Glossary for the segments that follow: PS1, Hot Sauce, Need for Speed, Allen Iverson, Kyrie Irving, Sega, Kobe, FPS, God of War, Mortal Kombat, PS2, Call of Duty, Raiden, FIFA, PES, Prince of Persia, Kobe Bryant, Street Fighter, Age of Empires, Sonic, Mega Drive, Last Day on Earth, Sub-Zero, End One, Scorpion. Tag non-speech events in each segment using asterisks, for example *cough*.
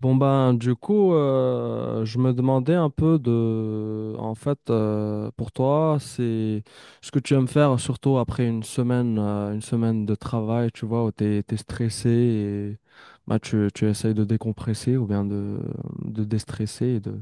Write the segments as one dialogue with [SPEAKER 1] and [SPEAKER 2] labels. [SPEAKER 1] Bon, ben, du coup, je me demandais un peu de en fait, pour toi c'est ce que tu aimes faire surtout après une semaine, une semaine de travail, tu vois, où t'es stressé et bah, tu essayes de décompresser ou bien de déstresser et de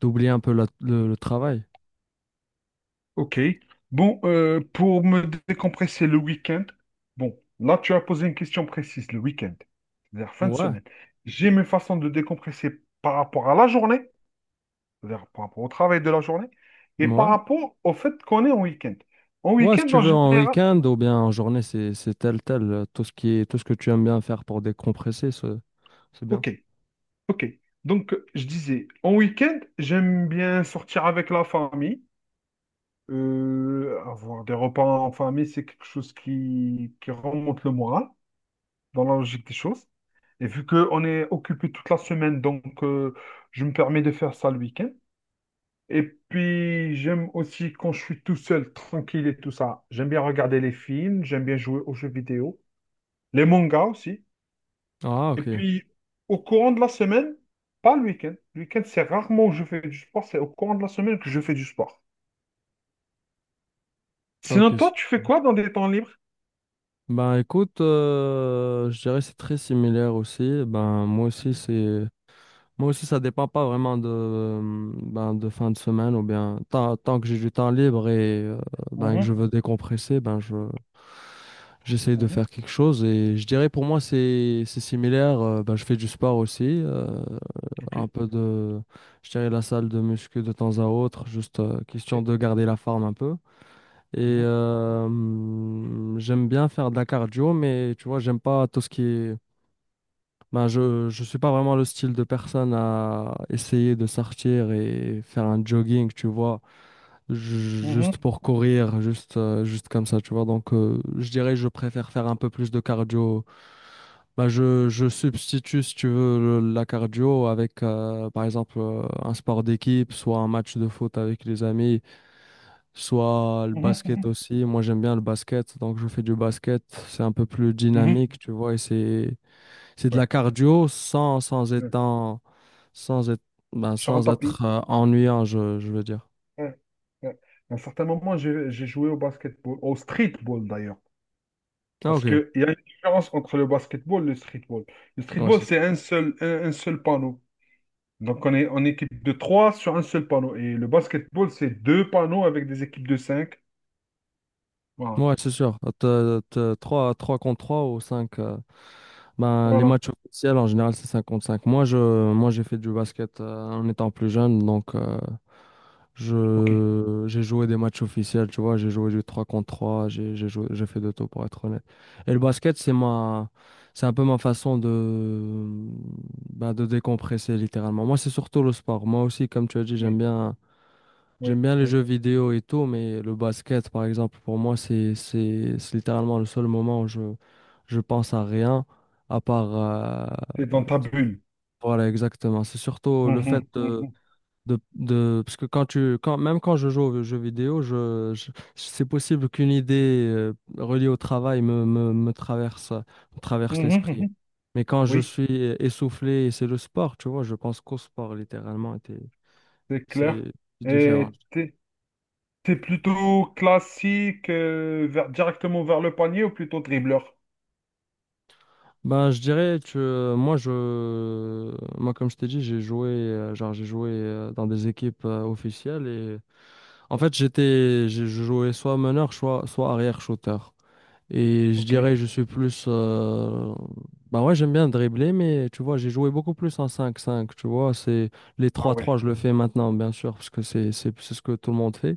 [SPEAKER 1] d'oublier un peu le travail.
[SPEAKER 2] Ok. Pour me décompresser le week-end, bon, là tu as posé une question précise, le week-end, c'est-à-dire fin de
[SPEAKER 1] Ouais,
[SPEAKER 2] semaine. J'ai mes façons de décompresser par rapport à la journée, c'est-à-dire par rapport au travail de la journée, et par
[SPEAKER 1] ouais.
[SPEAKER 2] rapport au fait qu'on est en week-end. En
[SPEAKER 1] Ouais, si
[SPEAKER 2] week-end,
[SPEAKER 1] tu
[SPEAKER 2] en
[SPEAKER 1] veux en
[SPEAKER 2] général,
[SPEAKER 1] week-end ou bien en journée, c'est tel tel tout ce que tu aimes bien faire pour décompresser, c'est bien.
[SPEAKER 2] ok, ok. Je disais, en week-end, j'aime bien sortir avec la famille. Avoir des repas en famille, c'est quelque chose qui remonte le moral, dans la logique des choses. Et vu qu'on est occupé toute la semaine, je me permets de faire ça le week-end. Et puis, j'aime aussi quand je suis tout seul, tranquille et tout ça. J'aime bien regarder les films, j'aime bien jouer aux jeux vidéo, les mangas aussi.
[SPEAKER 1] Ah,
[SPEAKER 2] Et
[SPEAKER 1] ok,
[SPEAKER 2] puis, au courant de la semaine, pas le week-end. Le week-end, c'est rarement où je fais du sport, c'est au courant de la semaine que je fais du sport.
[SPEAKER 1] ok.
[SPEAKER 2] Sinon, toi, tu fais quoi dans tes temps libres?
[SPEAKER 1] Ben écoute, je dirais que c'est très similaire aussi. Moi aussi ça dépend pas vraiment de ben, de fin de semaine ou bien tant que j'ai du temps libre et, ben, que je
[SPEAKER 2] Mhm,
[SPEAKER 1] veux décompresser, ben je j'essaye
[SPEAKER 2] mhm,
[SPEAKER 1] de
[SPEAKER 2] mhm.
[SPEAKER 1] faire quelque chose, et je dirais pour moi c'est similaire. Ben, je fais du sport aussi. Un
[SPEAKER 2] Ok,
[SPEAKER 1] peu de Je dirais la salle de muscu de temps à autre, juste, question
[SPEAKER 2] ok.
[SPEAKER 1] de garder la forme un peu. Et
[SPEAKER 2] Mhm,
[SPEAKER 1] j'aime bien faire de la cardio, mais tu vois, j'aime pas tout ce qui est. Ben, je suis pas vraiment le style de personne à essayer de sortir et faire un jogging, tu vois, juste
[SPEAKER 2] mhm,
[SPEAKER 1] pour courir, juste comme ça, tu vois. Donc, je dirais que je préfère faire un peu plus de cardio. Ben, je substitue, si tu veux, la cardio avec, par exemple, un sport d'équipe, soit un match de foot avec les amis, soit le
[SPEAKER 2] mhm,
[SPEAKER 1] basket
[SPEAKER 2] mhm,
[SPEAKER 1] aussi. Moi, j'aime bien le basket, donc je fais du basket. C'est un peu plus
[SPEAKER 2] mhm.
[SPEAKER 1] dynamique, tu vois, et c'est de
[SPEAKER 2] Ouais,
[SPEAKER 1] la cardio
[SPEAKER 2] ouais.
[SPEAKER 1] sans être ben,
[SPEAKER 2] Sur un
[SPEAKER 1] sans
[SPEAKER 2] tapis.
[SPEAKER 1] être euh, ennuyant, je veux dire.
[SPEAKER 2] Ouais, ouais. À un certain moment, j'ai joué au basketball, au streetball d'ailleurs.
[SPEAKER 1] Ah,
[SPEAKER 2] Parce
[SPEAKER 1] ok,
[SPEAKER 2] qu'il y a une différence entre le basketball et le streetball. Le
[SPEAKER 1] ouais,
[SPEAKER 2] streetball,
[SPEAKER 1] c'est
[SPEAKER 2] c'est
[SPEAKER 1] ça.
[SPEAKER 2] un seul panneau. Donc, on est en équipe de trois sur un seul panneau. Et le basketball, c'est deux panneaux avec des équipes de cinq. Voilà.
[SPEAKER 1] Ouais, c'est sûr. T'as 3 contre 3 ou 5. Ben, les
[SPEAKER 2] Voilà.
[SPEAKER 1] matchs officiels, en général, c'est 5 contre 5. Moi, j'ai fait du basket en étant plus jeune. Donc,
[SPEAKER 2] OK.
[SPEAKER 1] j'ai joué des matchs officiels, tu vois. J'ai joué du 3 contre 3. J'ai joué, j'ai fait de tout, pour être honnête. Et le basket, c'est c'est un peu ma façon de, ben, de décompresser, littéralement. Moi, c'est surtout le sport. Moi aussi, comme tu as dit, j'aime
[SPEAKER 2] Oui,
[SPEAKER 1] bien.
[SPEAKER 2] oui,
[SPEAKER 1] J'aime bien les
[SPEAKER 2] oui.
[SPEAKER 1] jeux vidéo et tout, mais le basket, par exemple, pour moi, c'est littéralement le seul moment où je pense à rien, à part... euh,
[SPEAKER 2] C'est dans ta bulle.
[SPEAKER 1] voilà, exactement. C'est surtout le fait
[SPEAKER 2] Mhm, mhm,
[SPEAKER 1] Parce que quand tu... Quand, même quand je joue aux jeux vidéo, c'est possible qu'une idée, reliée au travail, me traverse,
[SPEAKER 2] mhm,
[SPEAKER 1] l'esprit.
[SPEAKER 2] mhm.
[SPEAKER 1] Mais quand je
[SPEAKER 2] Oui,
[SPEAKER 1] suis essoufflé, et c'est le sport, tu vois, je pense qu'au sport, littéralement, et
[SPEAKER 2] c'est clair.
[SPEAKER 1] c'est différent.
[SPEAKER 2] Et t'es plutôt classique, directement vers le panier ou plutôt dribbleur?
[SPEAKER 1] Ben, je dirais que, moi, moi, comme je t'ai dit, j'ai joué, dans des équipes, officielles, et en fait, j'étais, j'ai je jouais soit meneur, soit arrière shooter. Et je
[SPEAKER 2] OK.
[SPEAKER 1] dirais je suis plus, ben ouais, j'aime bien dribbler, mais tu vois, j'ai joué beaucoup plus en cinq cinq, tu vois, c'est les
[SPEAKER 2] Ah
[SPEAKER 1] trois
[SPEAKER 2] oui.
[SPEAKER 1] trois, je le fais maintenant, bien sûr, parce que c'est ce que tout le monde fait.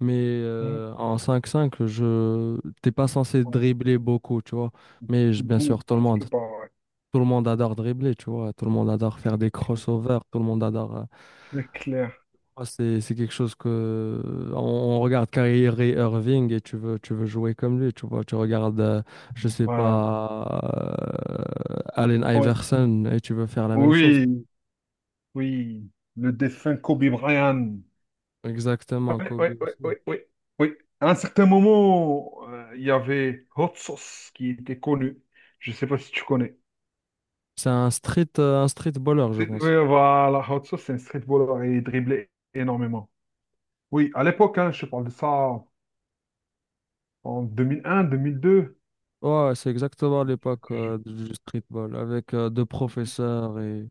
[SPEAKER 1] Mais,
[SPEAKER 2] Mm,
[SPEAKER 1] en cinq cinq, t'es pas censé dribbler beaucoup, tu vois. Mais
[SPEAKER 2] mm,
[SPEAKER 1] bien
[SPEAKER 2] mm,
[SPEAKER 1] sûr,
[SPEAKER 2] presque pas, ouais.
[SPEAKER 1] tout le monde adore dribbler, tu vois. Tout le monde adore faire des
[SPEAKER 2] C'est
[SPEAKER 1] crossovers. Tout le monde adore.
[SPEAKER 2] c'est clair.
[SPEAKER 1] Moi, c'est quelque chose que... on regarde Kyrie Irving et tu veux jouer comme lui, tu vois. Tu regardes, je sais
[SPEAKER 2] Ouais.
[SPEAKER 1] pas, Allen
[SPEAKER 2] Oui,
[SPEAKER 1] Iverson, et tu veux faire la même chose.
[SPEAKER 2] oui, oui. Le défunt Kobe Bryant.
[SPEAKER 1] Exactement,
[SPEAKER 2] Oui, oui,
[SPEAKER 1] Kobe
[SPEAKER 2] oui,
[SPEAKER 1] aussi.
[SPEAKER 2] oui, oui. Oui. À un certain moment, il y avait Hot Sauce qui était connu. Je ne sais pas si tu connais.
[SPEAKER 1] C'est un street, baller, je
[SPEAKER 2] Oui,
[SPEAKER 1] pense.
[SPEAKER 2] voilà, Hot Sauce, c'est un streetballer et il driblait énormément. Oui, à l'époque, hein, je parle de ça en 2001, 2002.
[SPEAKER 1] Ouais, c'est exactement l'époque,
[SPEAKER 2] Je-
[SPEAKER 1] du streetball avec, deux professeurs et.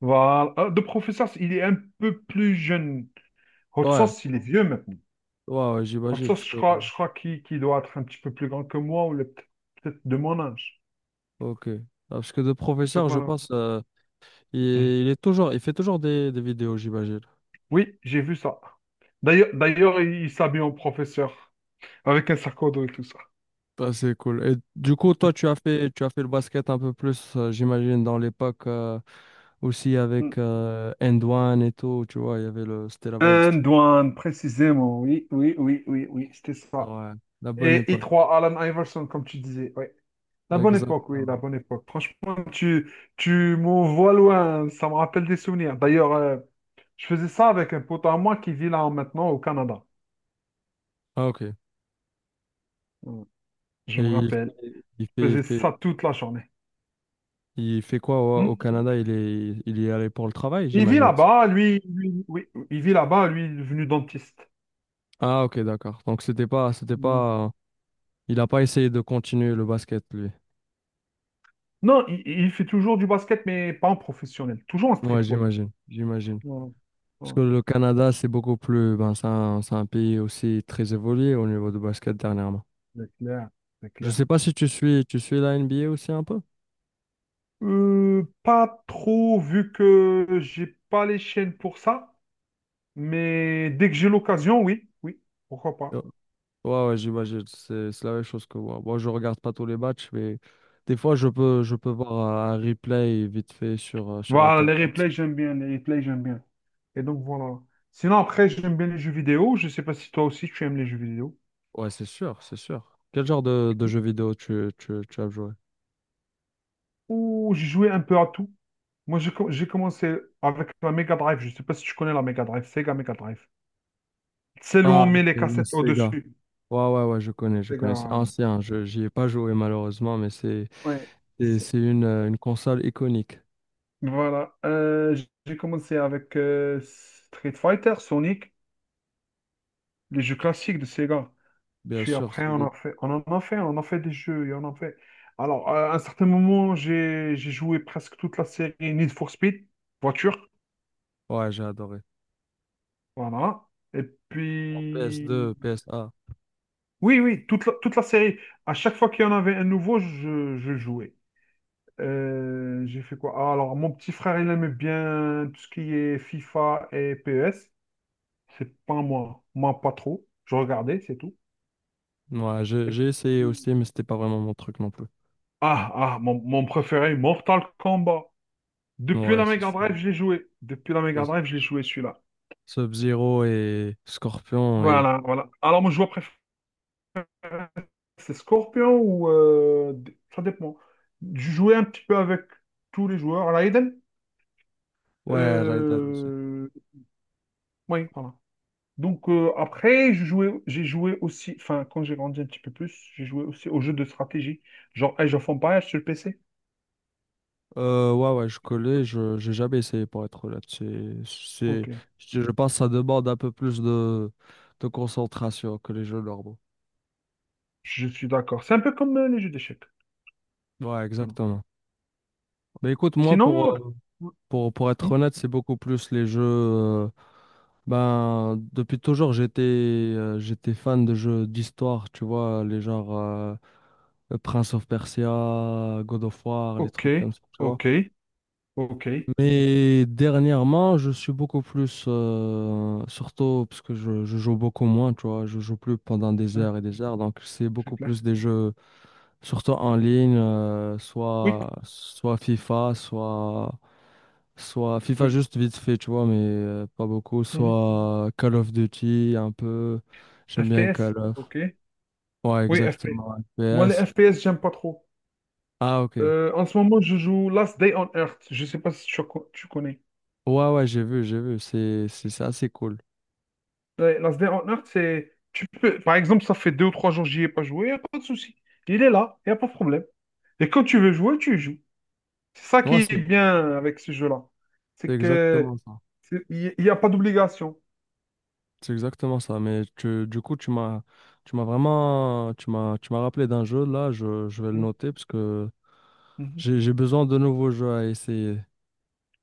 [SPEAKER 2] Voilà. Ah, de professeur, il est un peu plus jeune. Hot
[SPEAKER 1] Ouais,
[SPEAKER 2] Sauce, il est vieux, mais
[SPEAKER 1] ouais, ouais,
[SPEAKER 2] en
[SPEAKER 1] j'imagine.
[SPEAKER 2] tout cas,
[SPEAKER 1] Parce que...
[SPEAKER 2] je crois, qu'il qu'il doit être un petit peu plus grand que moi, peut-être de mon âge.
[SPEAKER 1] Ok. Ah, parce que deux
[SPEAKER 2] Donc
[SPEAKER 1] professeurs, je
[SPEAKER 2] voilà.
[SPEAKER 1] pense.
[SPEAKER 2] Mm.
[SPEAKER 1] Il est toujours, il fait toujours des vidéos, j'imagine.
[SPEAKER 2] Oui, j'ai vu ça. D'ailleurs, il s'habille en professeur, avec un sac à dos et tout ça.
[SPEAKER 1] Bah, c'est cool. Et du coup, toi, tu as fait, le basket un peu plus, j'imagine, dans l'époque, aussi
[SPEAKER 2] Mm.
[SPEAKER 1] avec, End One et tout, tu vois. Il y avait le, C'était la vibe
[SPEAKER 2] Un
[SPEAKER 1] street.
[SPEAKER 2] douane, précisément. Oui, oui, oui, oui, oui, c'était ça.
[SPEAKER 1] Ouais, la bonne
[SPEAKER 2] Et
[SPEAKER 1] époque.
[SPEAKER 2] I3, Alan Iverson, comme tu disais. Oui. La bonne époque, oui,
[SPEAKER 1] Exactement.
[SPEAKER 2] la bonne époque. Franchement, tu m'envoies loin, ça me rappelle des souvenirs. D'ailleurs, je faisais ça avec un pote à moi qui vit là maintenant au Canada.
[SPEAKER 1] Ah, ok. Et
[SPEAKER 2] Mm. Je me
[SPEAKER 1] il
[SPEAKER 2] rappelle.
[SPEAKER 1] fait, il fait, il
[SPEAKER 2] Faisait
[SPEAKER 1] fait,
[SPEAKER 2] ça toute la journée.
[SPEAKER 1] il fait quoi au,
[SPEAKER 2] Hmm.
[SPEAKER 1] Canada? Il y est allé pour le travail,
[SPEAKER 2] Il vit
[SPEAKER 1] j'imagine.
[SPEAKER 2] là-bas, oui, il vit là-bas, lui, il est devenu dentiste.
[SPEAKER 1] Ah, ok, d'accord. Donc, c'était
[SPEAKER 2] Hmm.
[SPEAKER 1] pas, il a pas essayé de continuer le basket, lui.
[SPEAKER 2] Non, il fait toujours du basket, mais pas en professionnel, toujours en
[SPEAKER 1] Ouais,
[SPEAKER 2] streetball.
[SPEAKER 1] j'imagine, j'imagine.
[SPEAKER 2] Ouais,
[SPEAKER 1] Parce
[SPEAKER 2] ouais.
[SPEAKER 1] que le Canada, c'est beaucoup plus... Ben, c'est un pays aussi très évolué au niveau du basket dernièrement.
[SPEAKER 2] C'est clair, c'est
[SPEAKER 1] Je sais
[SPEAKER 2] clair.
[SPEAKER 1] pas si tu suis la NBA aussi un peu?
[SPEAKER 2] Pas trop, vu que j'ai pas les chaînes pour ça, mais dès que j'ai l'occasion, oui, oui, pourquoi pas.
[SPEAKER 1] Euh, Ouais, ouais, j'imagine. C'est la même chose que moi. Moi, je regarde pas tous les matchs, mais des fois, je peux voir un replay vite fait sur
[SPEAKER 2] Voilà, les
[SPEAKER 1] Internet.
[SPEAKER 2] replays, j'aime bien, les replays, j'aime bien. Et donc voilà. Sinon, après, j'aime bien les jeux vidéo. Je sais pas si toi aussi tu aimes les jeux vidéo.
[SPEAKER 1] Ouais, c'est sûr, c'est sûr. Quel genre de jeu vidéo tu as joué?
[SPEAKER 2] Ouh, j'ai joué un peu à tout. Moi, j'ai commencé avec la Mega Drive. Je ne sais pas si tu connais la Mega Drive, Sega Mega Drive. Celle où on
[SPEAKER 1] Ah,
[SPEAKER 2] met les
[SPEAKER 1] le
[SPEAKER 2] cassettes
[SPEAKER 1] Sega.
[SPEAKER 2] au-dessus.
[SPEAKER 1] Ouais, ouais, ouais, je connais. C'est
[SPEAKER 2] Sega.
[SPEAKER 1] ancien. J'y ai pas joué malheureusement, mais
[SPEAKER 2] Ouais. C'est-
[SPEAKER 1] c'est une console iconique.
[SPEAKER 2] Voilà. J'ai commencé avec Street Fighter, Sonic, les jeux classiques de Sega.
[SPEAKER 1] Bien
[SPEAKER 2] Puis
[SPEAKER 1] sûr,
[SPEAKER 2] après,
[SPEAKER 1] Solid.
[SPEAKER 2] on en a fait des jeux, et on en fait. Alors, à un certain moment, j'ai joué presque toute la série Need for Speed, voiture.
[SPEAKER 1] Ouais, j'ai adoré.
[SPEAKER 2] Voilà. Et
[SPEAKER 1] En
[SPEAKER 2] puis.
[SPEAKER 1] PS2, PS1.
[SPEAKER 2] Oui, oui, toute la série. À chaque fois qu'il y en avait un nouveau, je jouais. J'ai fait quoi? Ah, alors, mon petit frère, il aime bien tout ce qui est FIFA et PES. C'est pas moi. Moi, pas trop. Je regardais, c'est tout.
[SPEAKER 1] Ouais,
[SPEAKER 2] Et
[SPEAKER 1] j'ai essayé
[SPEAKER 2] puis-
[SPEAKER 1] aussi, mais c'était pas vraiment mon truc non plus.
[SPEAKER 2] Ah, mon préféré, Mortal Kombat. Depuis
[SPEAKER 1] Ouais,
[SPEAKER 2] la
[SPEAKER 1] c'est
[SPEAKER 2] Mega
[SPEAKER 1] sûr,
[SPEAKER 2] Drive, je l'ai joué. Depuis la
[SPEAKER 1] c'est
[SPEAKER 2] Mega Drive,
[SPEAKER 1] sûr.
[SPEAKER 2] je l'ai joué celui-là.
[SPEAKER 1] Sub-Zero et Scorpion.
[SPEAKER 2] Voilà, voilà. Alors, mon joueur préféré, c'est Scorpion ou... d- ça dépend. Je jouais un petit peu avec tous les joueurs. À la Eden?
[SPEAKER 1] Ouais, Raiden aussi.
[SPEAKER 2] Euh, oui, voilà. Après, j'ai joué aussi, enfin quand j'ai grandi un petit peu plus, j'ai joué aussi aux jeux de stratégie, genre Age of Empires sur le PC.
[SPEAKER 1] Ouais, ouais, je connais, je j'ai jamais essayé, pour être honnête. C'est...
[SPEAKER 2] Ok,
[SPEAKER 1] je pense que ça demande un peu plus de concentration que les jeux normaux.
[SPEAKER 2] je suis d'accord. C'est un peu comme les jeux d'échecs.
[SPEAKER 1] Ouais,
[SPEAKER 2] Voilà.
[SPEAKER 1] exactement. Mais écoute, moi, pour...
[SPEAKER 2] Sinon, euh,
[SPEAKER 1] Pour
[SPEAKER 2] hmm,
[SPEAKER 1] être honnête, c'est beaucoup plus les jeux. Ben, depuis toujours, j'étais fan de jeux d'histoire, tu vois, les genres, Prince of Persia, God of War, les
[SPEAKER 2] ok,
[SPEAKER 1] trucs comme ça, tu vois.
[SPEAKER 2] ok, ok.
[SPEAKER 1] Mais dernièrement, je suis beaucoup plus, surtout parce que je joue beaucoup moins, tu vois, je joue plus pendant des
[SPEAKER 2] Hein,
[SPEAKER 1] heures et des heures, donc c'est
[SPEAKER 2] c'est
[SPEAKER 1] beaucoup
[SPEAKER 2] clair.
[SPEAKER 1] plus des jeux surtout en ligne,
[SPEAKER 2] Oui,
[SPEAKER 1] soit FIFA, Soit FIFA
[SPEAKER 2] oui.
[SPEAKER 1] juste vite fait, tu vois, mais, pas beaucoup.
[SPEAKER 2] Mhm.
[SPEAKER 1] Soit Call of Duty, un peu. J'aime bien
[SPEAKER 2] FPS,
[SPEAKER 1] Call of.
[SPEAKER 2] ok.
[SPEAKER 1] Ouais,
[SPEAKER 2] Oui, FPS.
[SPEAKER 1] exactement.
[SPEAKER 2] Moi, les
[SPEAKER 1] FPS.
[SPEAKER 2] FPS, j'aime pas trop.
[SPEAKER 1] Ah, ok. Ouais,
[SPEAKER 2] En ce moment, je joue Last Day on Earth. Je sais pas si tu connais.
[SPEAKER 1] ouais, j'ai vu. C'est assez cool.
[SPEAKER 2] Ouais, Nasdaq en Earth, c'est. Tu peux... Par exemple, ça fait deux ou trois jours que j'y ai pas joué, il n'y a pas de souci. Il est là, il n'y a pas de problème. Et quand tu veux jouer, tu joues. C'est ça qui
[SPEAKER 1] Ouais,
[SPEAKER 2] est bien avec ce jeu-là.
[SPEAKER 1] c'est
[SPEAKER 2] C'est que
[SPEAKER 1] exactement ça.
[SPEAKER 2] il n'y a pas d'obligation.
[SPEAKER 1] C'est exactement ça. Mais du coup, tu m'as rappelé d'un jeu. Là, je vais le
[SPEAKER 2] Mhm.
[SPEAKER 1] noter parce que
[SPEAKER 2] Mhm.
[SPEAKER 1] j'ai besoin de nouveaux jeux à essayer.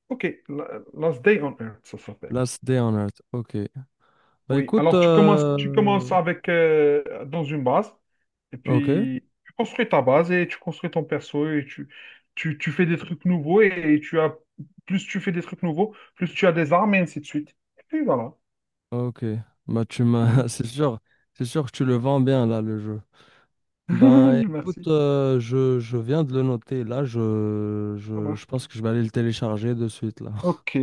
[SPEAKER 2] Ok, Last Day on Earth, ça s'appelle.
[SPEAKER 1] Last Day on Earth. Ok. Bah
[SPEAKER 2] Oui,
[SPEAKER 1] écoute,
[SPEAKER 2] alors tu commences avec dans une base. Et
[SPEAKER 1] ok.
[SPEAKER 2] puis, tu construis ta base et tu construis ton perso et tu fais des trucs nouveaux et tu as, plus tu fais des trucs nouveaux, plus tu as des armes et ainsi de suite. Et puis voilà.
[SPEAKER 1] Ok, bah *laughs*
[SPEAKER 2] Mhm.
[SPEAKER 1] c'est sûr que tu le vends bien là, le jeu. Ben écoute,
[SPEAKER 2] *laughs* Merci.
[SPEAKER 1] je viens de le noter là,
[SPEAKER 2] Ça
[SPEAKER 1] je
[SPEAKER 2] marche.
[SPEAKER 1] pense que je vais aller le télécharger de suite là. *laughs*
[SPEAKER 2] Ok.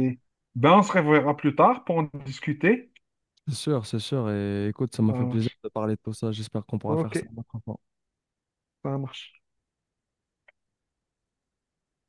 [SPEAKER 2] Ben, on se reverra plus tard pour en discuter.
[SPEAKER 1] C'est sûr, et écoute, ça m'a
[SPEAKER 2] Ça
[SPEAKER 1] fait plaisir
[SPEAKER 2] marche,
[SPEAKER 1] de parler de tout ça, j'espère qu'on pourra faire
[SPEAKER 2] ok,
[SPEAKER 1] ça une autre fois.
[SPEAKER 2] ça marche.